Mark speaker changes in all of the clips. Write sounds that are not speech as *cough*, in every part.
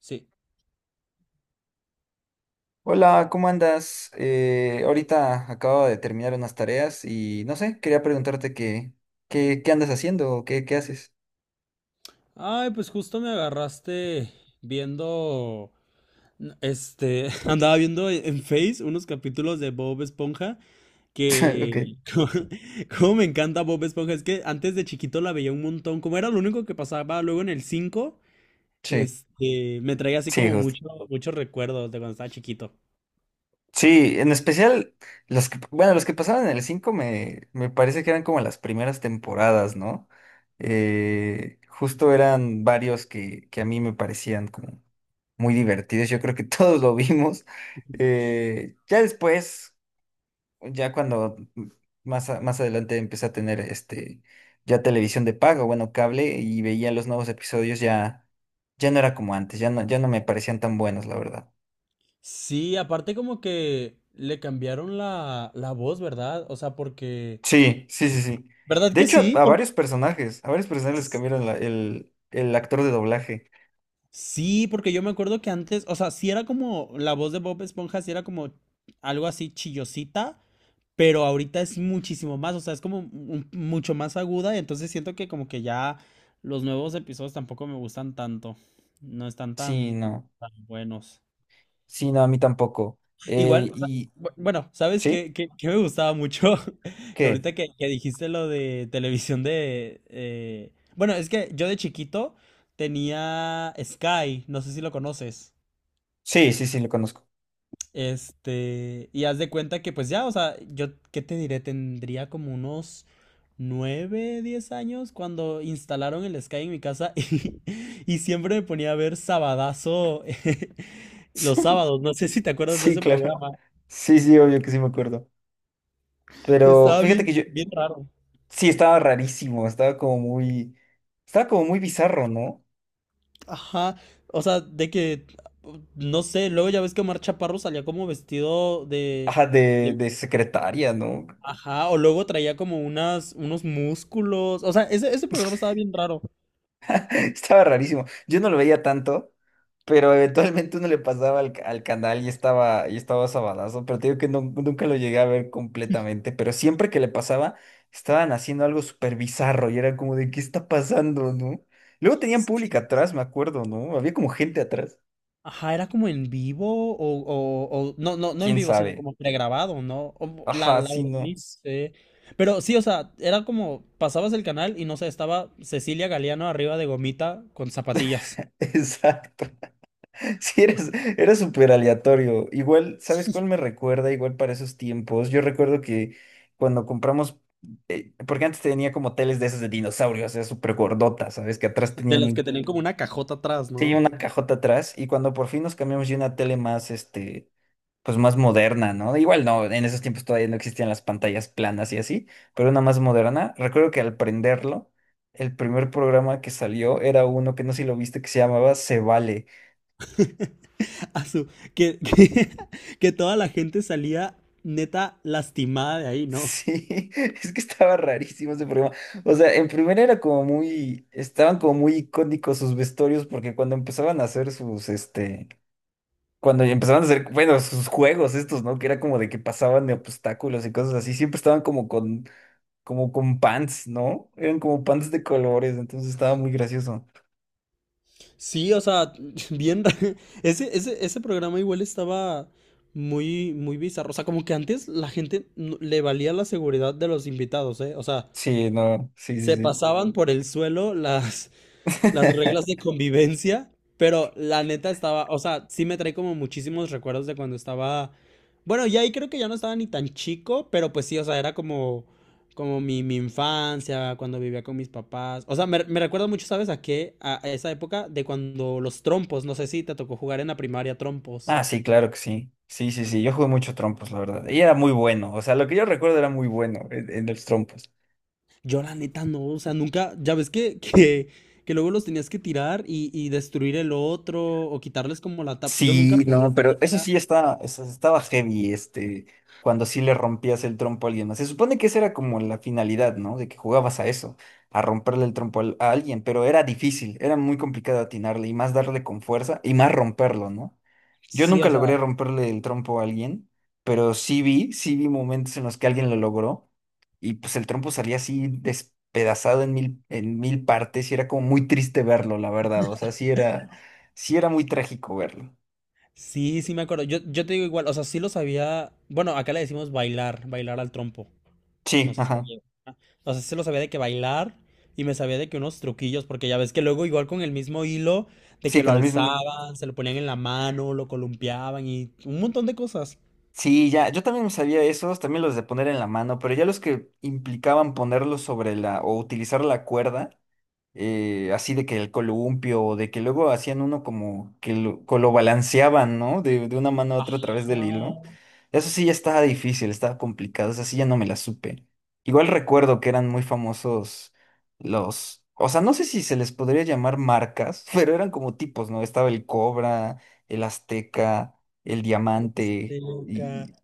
Speaker 1: Sí.
Speaker 2: Hola, ¿cómo andas? Ahorita acabo de terminar unas tareas y no sé, quería preguntarte qué andas haciendo o qué haces.
Speaker 1: Ay, pues justo me agarraste viendo, *laughs* andaba viendo en Face unos capítulos de Bob Esponja
Speaker 2: *laughs*
Speaker 1: que,
Speaker 2: Ok.
Speaker 1: *laughs* cómo cómo me encanta Bob Esponja, es que antes de chiquito la veía un montón, como era lo único que pasaba luego en el cinco.
Speaker 2: Sí,
Speaker 1: Me traía así
Speaker 2: sí,
Speaker 1: como
Speaker 2: justo.
Speaker 1: mucho, muchos recuerdos de cuando estaba chiquito.
Speaker 2: Sí, en especial los que, bueno, los que pasaban en el 5 me parece que eran como las primeras temporadas, ¿no? Justo eran varios que a mí me parecían como muy divertidos. Yo creo que *laughs* todos lo vimos. Ya después. Ya cuando más adelante empecé a tener ya televisión de pago, bueno, cable y veía los nuevos episodios ya ya no era como antes, ya no me parecían tan buenos, la verdad.
Speaker 1: Sí, aparte como que le cambiaron la voz, ¿verdad? O sea, porque...
Speaker 2: Sí, sí, sí, sí.
Speaker 1: ¿Verdad
Speaker 2: De
Speaker 1: que
Speaker 2: hecho,
Speaker 1: sí?
Speaker 2: a varios personajes les cambiaron el actor de doblaje.
Speaker 1: Sí, porque yo me acuerdo que antes, o sea, sí era como la voz de Bob Esponja, sí era como algo así chillosita, pero ahorita es muchísimo más, o sea, es como mucho más aguda, y entonces siento que como que ya los nuevos episodios tampoco me gustan tanto, no están
Speaker 2: Sí,
Speaker 1: tan,
Speaker 2: no.
Speaker 1: tan buenos.
Speaker 2: Sí, no, a mí tampoco.
Speaker 1: Igual,
Speaker 2: Eh,
Speaker 1: o sea,
Speaker 2: y
Speaker 1: bueno, ¿sabes
Speaker 2: ¿sí?
Speaker 1: qué, qué me gustaba mucho? *laughs*
Speaker 2: ¿Qué?
Speaker 1: Ahorita que dijiste lo de televisión de... Bueno, es que yo de chiquito tenía Sky, no sé si lo conoces.
Speaker 2: Sí, sí, sí, lo conozco.
Speaker 1: Y haz de cuenta que pues ya, o sea, yo, ¿qué te diré? Tendría como unos 9 10 años cuando instalaron el Sky en mi casa *laughs* y siempre me ponía a ver Sabadazo *laughs* los
Speaker 2: *laughs*
Speaker 1: sábados. No sé si te acuerdas de
Speaker 2: Sí,
Speaker 1: ese
Speaker 2: claro.
Speaker 1: programa.
Speaker 2: Sí, sí, obvio que sí me acuerdo. Pero
Speaker 1: Estaba
Speaker 2: fíjate
Speaker 1: bien,
Speaker 2: que yo.
Speaker 1: bien raro.
Speaker 2: Sí, estaba rarísimo, estaba como muy bizarro, ¿no?
Speaker 1: Ajá, o sea, de que, no sé, luego ya ves que Omar Chaparro salía como vestido de,
Speaker 2: Ajá,
Speaker 1: de-
Speaker 2: de secretaria, ¿no?
Speaker 1: ajá, o luego traía como unas, unos músculos. O sea, ese programa estaba bien raro.
Speaker 2: *laughs* Estaba rarísimo. Yo no lo veía tanto, pero eventualmente uno le pasaba al canal y estaba sabadazo, pero te digo que nunca lo llegué a ver completamente, pero siempre que le pasaba, estaban haciendo algo súper bizarro y era como de, ¿qué está pasando, no? Luego tenían público atrás, me acuerdo, ¿no? Había como gente atrás.
Speaker 1: Ajá, era como en vivo o, no, no, no en
Speaker 2: ¿Quién
Speaker 1: vivo, sino
Speaker 2: sabe?
Speaker 1: como pregrabado, ¿no? La,
Speaker 2: Ajá,
Speaker 1: la
Speaker 2: sí,
Speaker 1: verdad,
Speaker 2: no.
Speaker 1: ni sé. Pero sí, o sea, era como pasabas el canal y no sé, estaba Cecilia Galeano arriba de gomita con zapatillas.
Speaker 2: *laughs* Exacto. *laughs* Sí, eres, era súper aleatorio. Igual, ¿sabes cuál me recuerda? Igual para esos tiempos. Yo recuerdo que cuando compramos, porque antes tenía como teles de esas de dinosaurios, o sea, súper gordotas, ¿sabes? Que atrás
Speaker 1: *laughs* De
Speaker 2: tenían
Speaker 1: las que
Speaker 2: un,
Speaker 1: tenían como una cajota atrás,
Speaker 2: sí,
Speaker 1: ¿no?
Speaker 2: una cajota atrás. Y cuando por fin nos cambiamos ya una tele más, pues más moderna, ¿no? Igual no, en esos tiempos todavía no existían las pantallas planas y así, pero una más moderna. Recuerdo que al prenderlo, el primer programa que salió era uno que no sé si lo viste, que se llamaba Se Vale.
Speaker 1: *laughs* A su, que, *laughs* que toda la gente salía neta lastimada de ahí, ¿no?
Speaker 2: Sí, *laughs* es que estaba rarísimo ese programa. O sea, en primera estaban como muy icónicos sus vestuarios porque cuando empezaban a hacer bueno, sus juegos estos, ¿no? Que era como de que pasaban de obstáculos y cosas así, siempre estaban como con pants, ¿no? Eran como pants de colores, entonces estaba muy gracioso.
Speaker 1: Sí, o sea, *laughs* bien ra- Ese, ese, ese programa igual estaba muy, muy bizarro. O sea, como que antes la gente le valía la seguridad de los invitados, ¿eh? O sea,
Speaker 2: Sí, no, sí, sí,
Speaker 1: se
Speaker 2: sí.
Speaker 1: pasaban por el suelo las reglas de
Speaker 2: *laughs*
Speaker 1: convivencia, pero la neta estaba, o sea, sí me trae como muchísimos recuerdos de cuando estaba, bueno, ya ahí creo que ya no estaba ni tan chico, pero pues sí, o sea, era como, como mi infancia, cuando vivía con mis papás, o sea, me recuerdo mucho, ¿sabes a qué? A esa época de cuando los trompos, no sé si te tocó jugar en la primaria trompos.
Speaker 2: Ah, sí, claro que sí. Sí, sí, sí, yo jugué mucho trompos, la verdad. Y era muy bueno, o sea, lo que yo recuerdo era muy bueno en los trompos.
Speaker 1: Yo la neta no, o sea, nunca, ya ves que luego los tenías que tirar y destruir el otro o quitarles como la tapa. Yo nunca
Speaker 2: Sí,
Speaker 1: podía,
Speaker 2: no,
Speaker 1: o sea,
Speaker 2: pero eso sí está, eso estaba heavy, cuando sí le rompías el trompo a alguien más. Se supone que esa era como la finalidad, ¿no? De que jugabas a eso, a romperle el trompo a alguien, pero era difícil, era muy complicado atinarle y más darle con fuerza y más romperlo, ¿no? Yo
Speaker 1: sí,
Speaker 2: nunca
Speaker 1: o sea,
Speaker 2: logré romperle el trompo a alguien, pero sí vi momentos en los que alguien lo logró y pues el trompo salía así despedazado en mil partes y era como muy triste verlo, la verdad, sí era muy trágico verlo.
Speaker 1: Sí, sí me acuerdo. Yo te digo igual, o sea, sí lo sabía. Bueno, acá le decimos bailar, bailar al trompo. No
Speaker 2: Sí,
Speaker 1: sé si
Speaker 2: ajá.
Speaker 1: allá- ah, O sea, sí lo sabía de que bailar y me sabía de que unos truquillos, porque ya ves que luego igual con el mismo hilo, de
Speaker 2: Sí,
Speaker 1: que lo
Speaker 2: con el mismo.
Speaker 1: alzaban, se lo ponían en la mano, lo columpiaban y un montón de cosas.
Speaker 2: Sí, ya, yo también sabía esos, también los de poner en la mano, pero ya los que implicaban ponerlos sobre la o utilizar la cuerda, así de que el columpio, o de que luego hacían uno como que lo balanceaban, ¿no? De una mano a otra a través del hilo.
Speaker 1: Ah,
Speaker 2: Eso sí ya estaba difícil, estaba complicado, eso sí ya no me la supe. Igual recuerdo que eran muy famosos los, o sea, no sé si se les podría llamar marcas, *laughs* pero eran como tipos, ¿no? Estaba el Cobra, el Azteca, el
Speaker 1: sí,
Speaker 2: Diamante,
Speaker 1: acá.
Speaker 2: y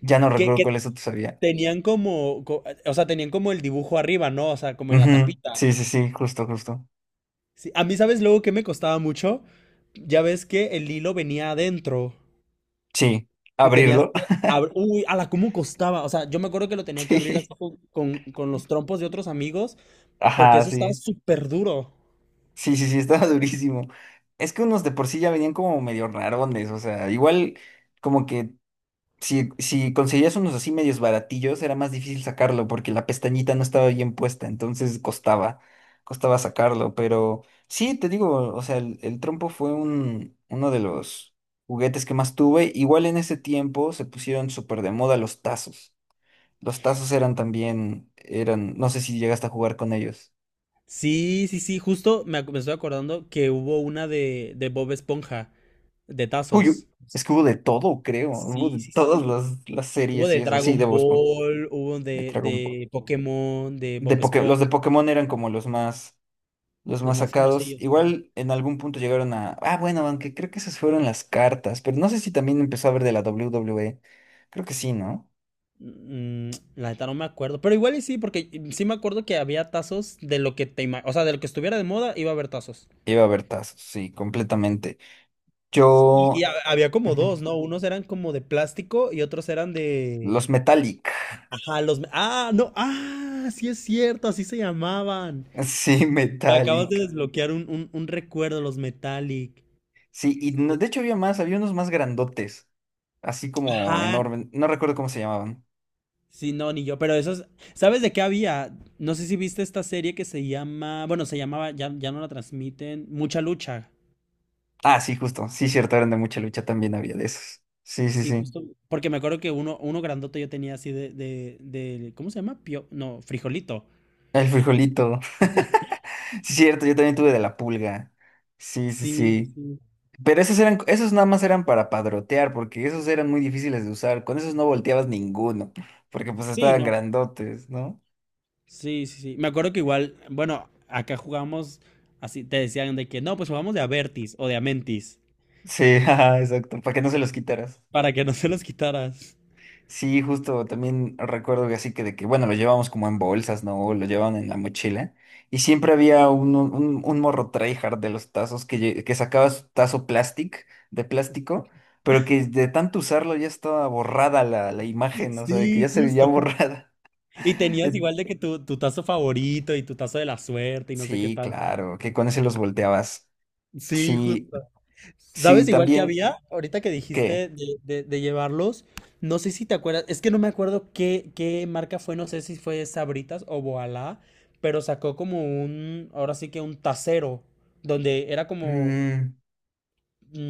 Speaker 2: ya no recuerdo
Speaker 1: Que
Speaker 2: cuál eso tú sabía.
Speaker 1: tenían como, o sea, tenían como el dibujo arriba, ¿no? O sea, como en la
Speaker 2: Ujú,
Speaker 1: tapita.
Speaker 2: sí, sí, sí, justo, justo.
Speaker 1: Sí, a mí, ¿sabes luego que me costaba mucho? Ya ves que el hilo venía adentro.
Speaker 2: Sí,
Speaker 1: Y tenías
Speaker 2: abrirlo.
Speaker 1: que abrir. Uy, a la cómo costaba. O sea, yo me acuerdo que lo tenía que
Speaker 2: *laughs*
Speaker 1: abrir así
Speaker 2: Sí.
Speaker 1: con, con los trompos de otros amigos, porque
Speaker 2: Ajá,
Speaker 1: eso estaba
Speaker 2: sí.
Speaker 1: súper duro.
Speaker 2: Sí, sí, sí, estaba *laughs* durísimo. Es que unos de por sí ya venían como medio rarones, o sea, igual como que si conseguías unos así medios baratillos era más difícil sacarlo porque la pestañita no estaba bien puesta, entonces costaba sacarlo, pero sí, te digo, o sea, el trompo fue un, uno de los juguetes que más tuve. Igual en ese tiempo se pusieron súper de moda los tazos. Los tazos eran, no sé si llegaste a jugar con ellos.
Speaker 1: Sí, sí, sí, justo me, me estoy acordando que hubo una de Bob Esponja, de
Speaker 2: Uy,
Speaker 1: tazos.
Speaker 2: es que hubo de todo, creo. Hubo de
Speaker 1: Sí, sí,
Speaker 2: todas
Speaker 1: sí.
Speaker 2: las
Speaker 1: Hubo
Speaker 2: series y
Speaker 1: de
Speaker 2: eso. Sí,
Speaker 1: Dragon
Speaker 2: de Bob Esponja,
Speaker 1: Ball, hubo
Speaker 2: de Dragon Ball.
Speaker 1: de Pokémon, de
Speaker 2: De
Speaker 1: Bob
Speaker 2: Los
Speaker 1: Esponja,
Speaker 2: de Pokémon eran como los
Speaker 1: los
Speaker 2: más
Speaker 1: más
Speaker 2: sacados.
Speaker 1: famosillos, ¿no?
Speaker 2: Igual en algún punto llegaron a. Ah, bueno, aunque creo que esas fueron las cartas. Pero no sé si también empezó a haber de la WWE. Creo que sí, ¿no?
Speaker 1: Mm, la neta no me acuerdo, pero igual y sí, porque mm, sí me acuerdo que había tazos de lo que te o sea, de lo que estuviera de moda iba a haber tazos.
Speaker 2: Iba a haber tazos, sí, completamente.
Speaker 1: Sí, Y, y
Speaker 2: Yo.
Speaker 1: había como dos,
Speaker 2: Ujú,
Speaker 1: ¿no? Unos eran como de plástico y otros eran de...
Speaker 2: los Metallic. *laughs*
Speaker 1: Ajá, los... Ah, no, ah, sí es cierto, así se llamaban.
Speaker 2: Sí,
Speaker 1: Me acabas de
Speaker 2: Metallic.
Speaker 1: desbloquear un recuerdo, los Metallic.
Speaker 2: Sí, y de hecho había más, había unos más grandotes. Así como
Speaker 1: Ajá.
Speaker 2: enormes. No recuerdo cómo se llamaban.
Speaker 1: Sí, no, ni yo, pero esos... ¿Sabes de qué había? No sé si viste esta serie que se llama... Bueno, se llamaba, ya, ya no la transmiten, Mucha Lucha.
Speaker 2: Ah, sí, justo. Sí, cierto, eran de Mucha Lucha, también había de esos. Sí, sí,
Speaker 1: Sí,
Speaker 2: sí.
Speaker 1: justo. Porque me acuerdo que uno, uno grandote yo tenía así de... ¿Cómo se llama? Pio... No, frijolito.
Speaker 2: El frijolito. *laughs* Sí, cierto, yo también tuve de la pulga. Sí, sí,
Speaker 1: Sí,
Speaker 2: sí.
Speaker 1: sí.
Speaker 2: Pero esos eran, esos nada más eran para padrotear, porque esos eran muy difíciles de usar. Con esos no volteabas ninguno, porque pues
Speaker 1: Sí,
Speaker 2: estaban
Speaker 1: no.
Speaker 2: grandotes, ¿no?
Speaker 1: Sí, sí, sí. Me acuerdo que igual, bueno, acá jugamos así, te decían de que no, pues jugamos de Avertis o de Amentis,
Speaker 2: Sí, *laughs* ajá, exacto, para que no se los quitaras.
Speaker 1: para que no se los quitaras.
Speaker 2: Sí, justo también recuerdo que así bueno, lo llevamos como en bolsas, ¿no? O lo llevaban en la mochila. Y siempre había un morro tryhard de los tazos que sacaba su tazo de plástico, pero que de tanto usarlo ya estaba borrada la
Speaker 1: *laughs*
Speaker 2: imagen, o sea, de que
Speaker 1: Sí,
Speaker 2: ya se veía
Speaker 1: justo.
Speaker 2: borrada.
Speaker 1: Y
Speaker 2: *laughs*
Speaker 1: tenías
Speaker 2: Eh,
Speaker 1: igual de que tu tazo favorito y tu tazo de la suerte y no sé qué
Speaker 2: sí,
Speaker 1: tal.
Speaker 2: claro, que con ese los volteabas.
Speaker 1: Sí,
Speaker 2: Sí,
Speaker 1: justo. ¿Sabes
Speaker 2: sí,
Speaker 1: igual que
Speaker 2: también,
Speaker 1: había? Ahorita que
Speaker 2: ¿qué?
Speaker 1: dijiste de, de llevarlos, no sé si te acuerdas, es que no me acuerdo qué, qué marca fue, no sé si fue Sabritas o Boalá, pero sacó como un, ahora sí que un tacero, donde era como
Speaker 2: Mm,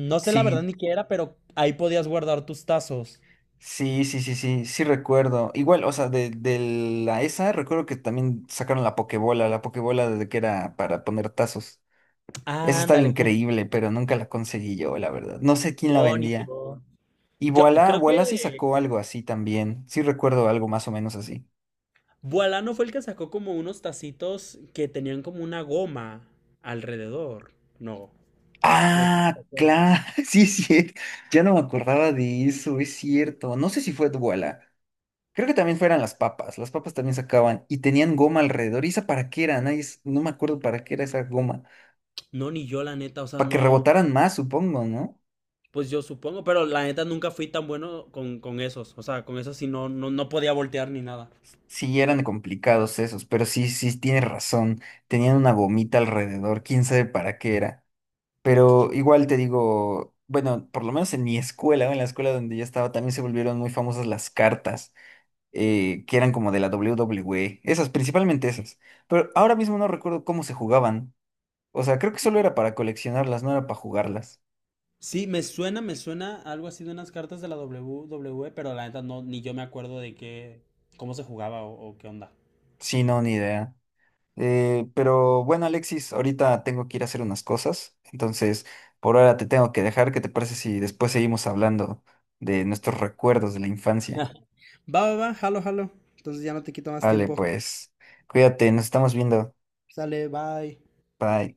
Speaker 1: No sé la verdad
Speaker 2: sí,
Speaker 1: ni qué era, pero ahí podías guardar tus tazos.
Speaker 2: sí, sí, sí, sí, sí recuerdo. Igual, de la esa recuerdo que también sacaron la pokebola de que era para poner tazos. Esa estaba
Speaker 1: Ándale, justo.
Speaker 2: increíble, pero nunca la conseguí yo, la verdad. No sé quién la
Speaker 1: No, ni
Speaker 2: vendía.
Speaker 1: yo.
Speaker 2: Y
Speaker 1: Yo creo
Speaker 2: Boala sí
Speaker 1: que
Speaker 2: sacó algo así también. Sí recuerdo algo más o menos así.
Speaker 1: Boalano fue el que sacó como unos tacitos que tenían como una goma alrededor. No, no sé si te
Speaker 2: Ah,
Speaker 1: acuerdas.
Speaker 2: claro, *laughs* sí, sí. Ya no me acordaba de eso, es cierto. No sé si fue Boala. Creo que también fueran las papas. Las papas también sacaban y tenían goma alrededor. ¿Y esa para qué era? Nadie, s- no me acuerdo para qué era esa goma.
Speaker 1: No, ni yo, la neta, o sea,
Speaker 2: Para que
Speaker 1: no.
Speaker 2: rebotaran más, supongo, ¿no?
Speaker 1: Pues yo supongo, pero la neta nunca fui tan bueno con esos. O sea, con esos sí no, no, no podía voltear ni nada.
Speaker 2: Sí, eran complicados esos, pero sí, sí, tienes razón. Tenían una gomita alrededor, quién sabe para qué era. Pero igual te digo, bueno, por lo menos en mi escuela, o en la escuela donde yo estaba, también se volvieron muy famosas las cartas, que eran como de la WWE, esas, principalmente esas. Pero ahora mismo no recuerdo cómo se jugaban. O sea, creo que solo era para coleccionarlas, no era para jugarlas.
Speaker 1: Sí, me suena algo así de unas cartas de la WWE, pero la neta no, ni yo me acuerdo de qué, cómo se jugaba o qué onda.
Speaker 2: Sí, no, ni idea. Pero bueno, Alexis, ahorita tengo que ir a hacer unas cosas, entonces por ahora te tengo que dejar. ¿Qué te parece si después seguimos hablando de nuestros recuerdos de la
Speaker 1: *laughs* Va,
Speaker 2: infancia?
Speaker 1: va, va, jalo, jalo. Entonces ya no te quito más
Speaker 2: Vale,
Speaker 1: tiempo.
Speaker 2: pues cuídate, nos estamos viendo.
Speaker 1: Sale, bye.
Speaker 2: Bye.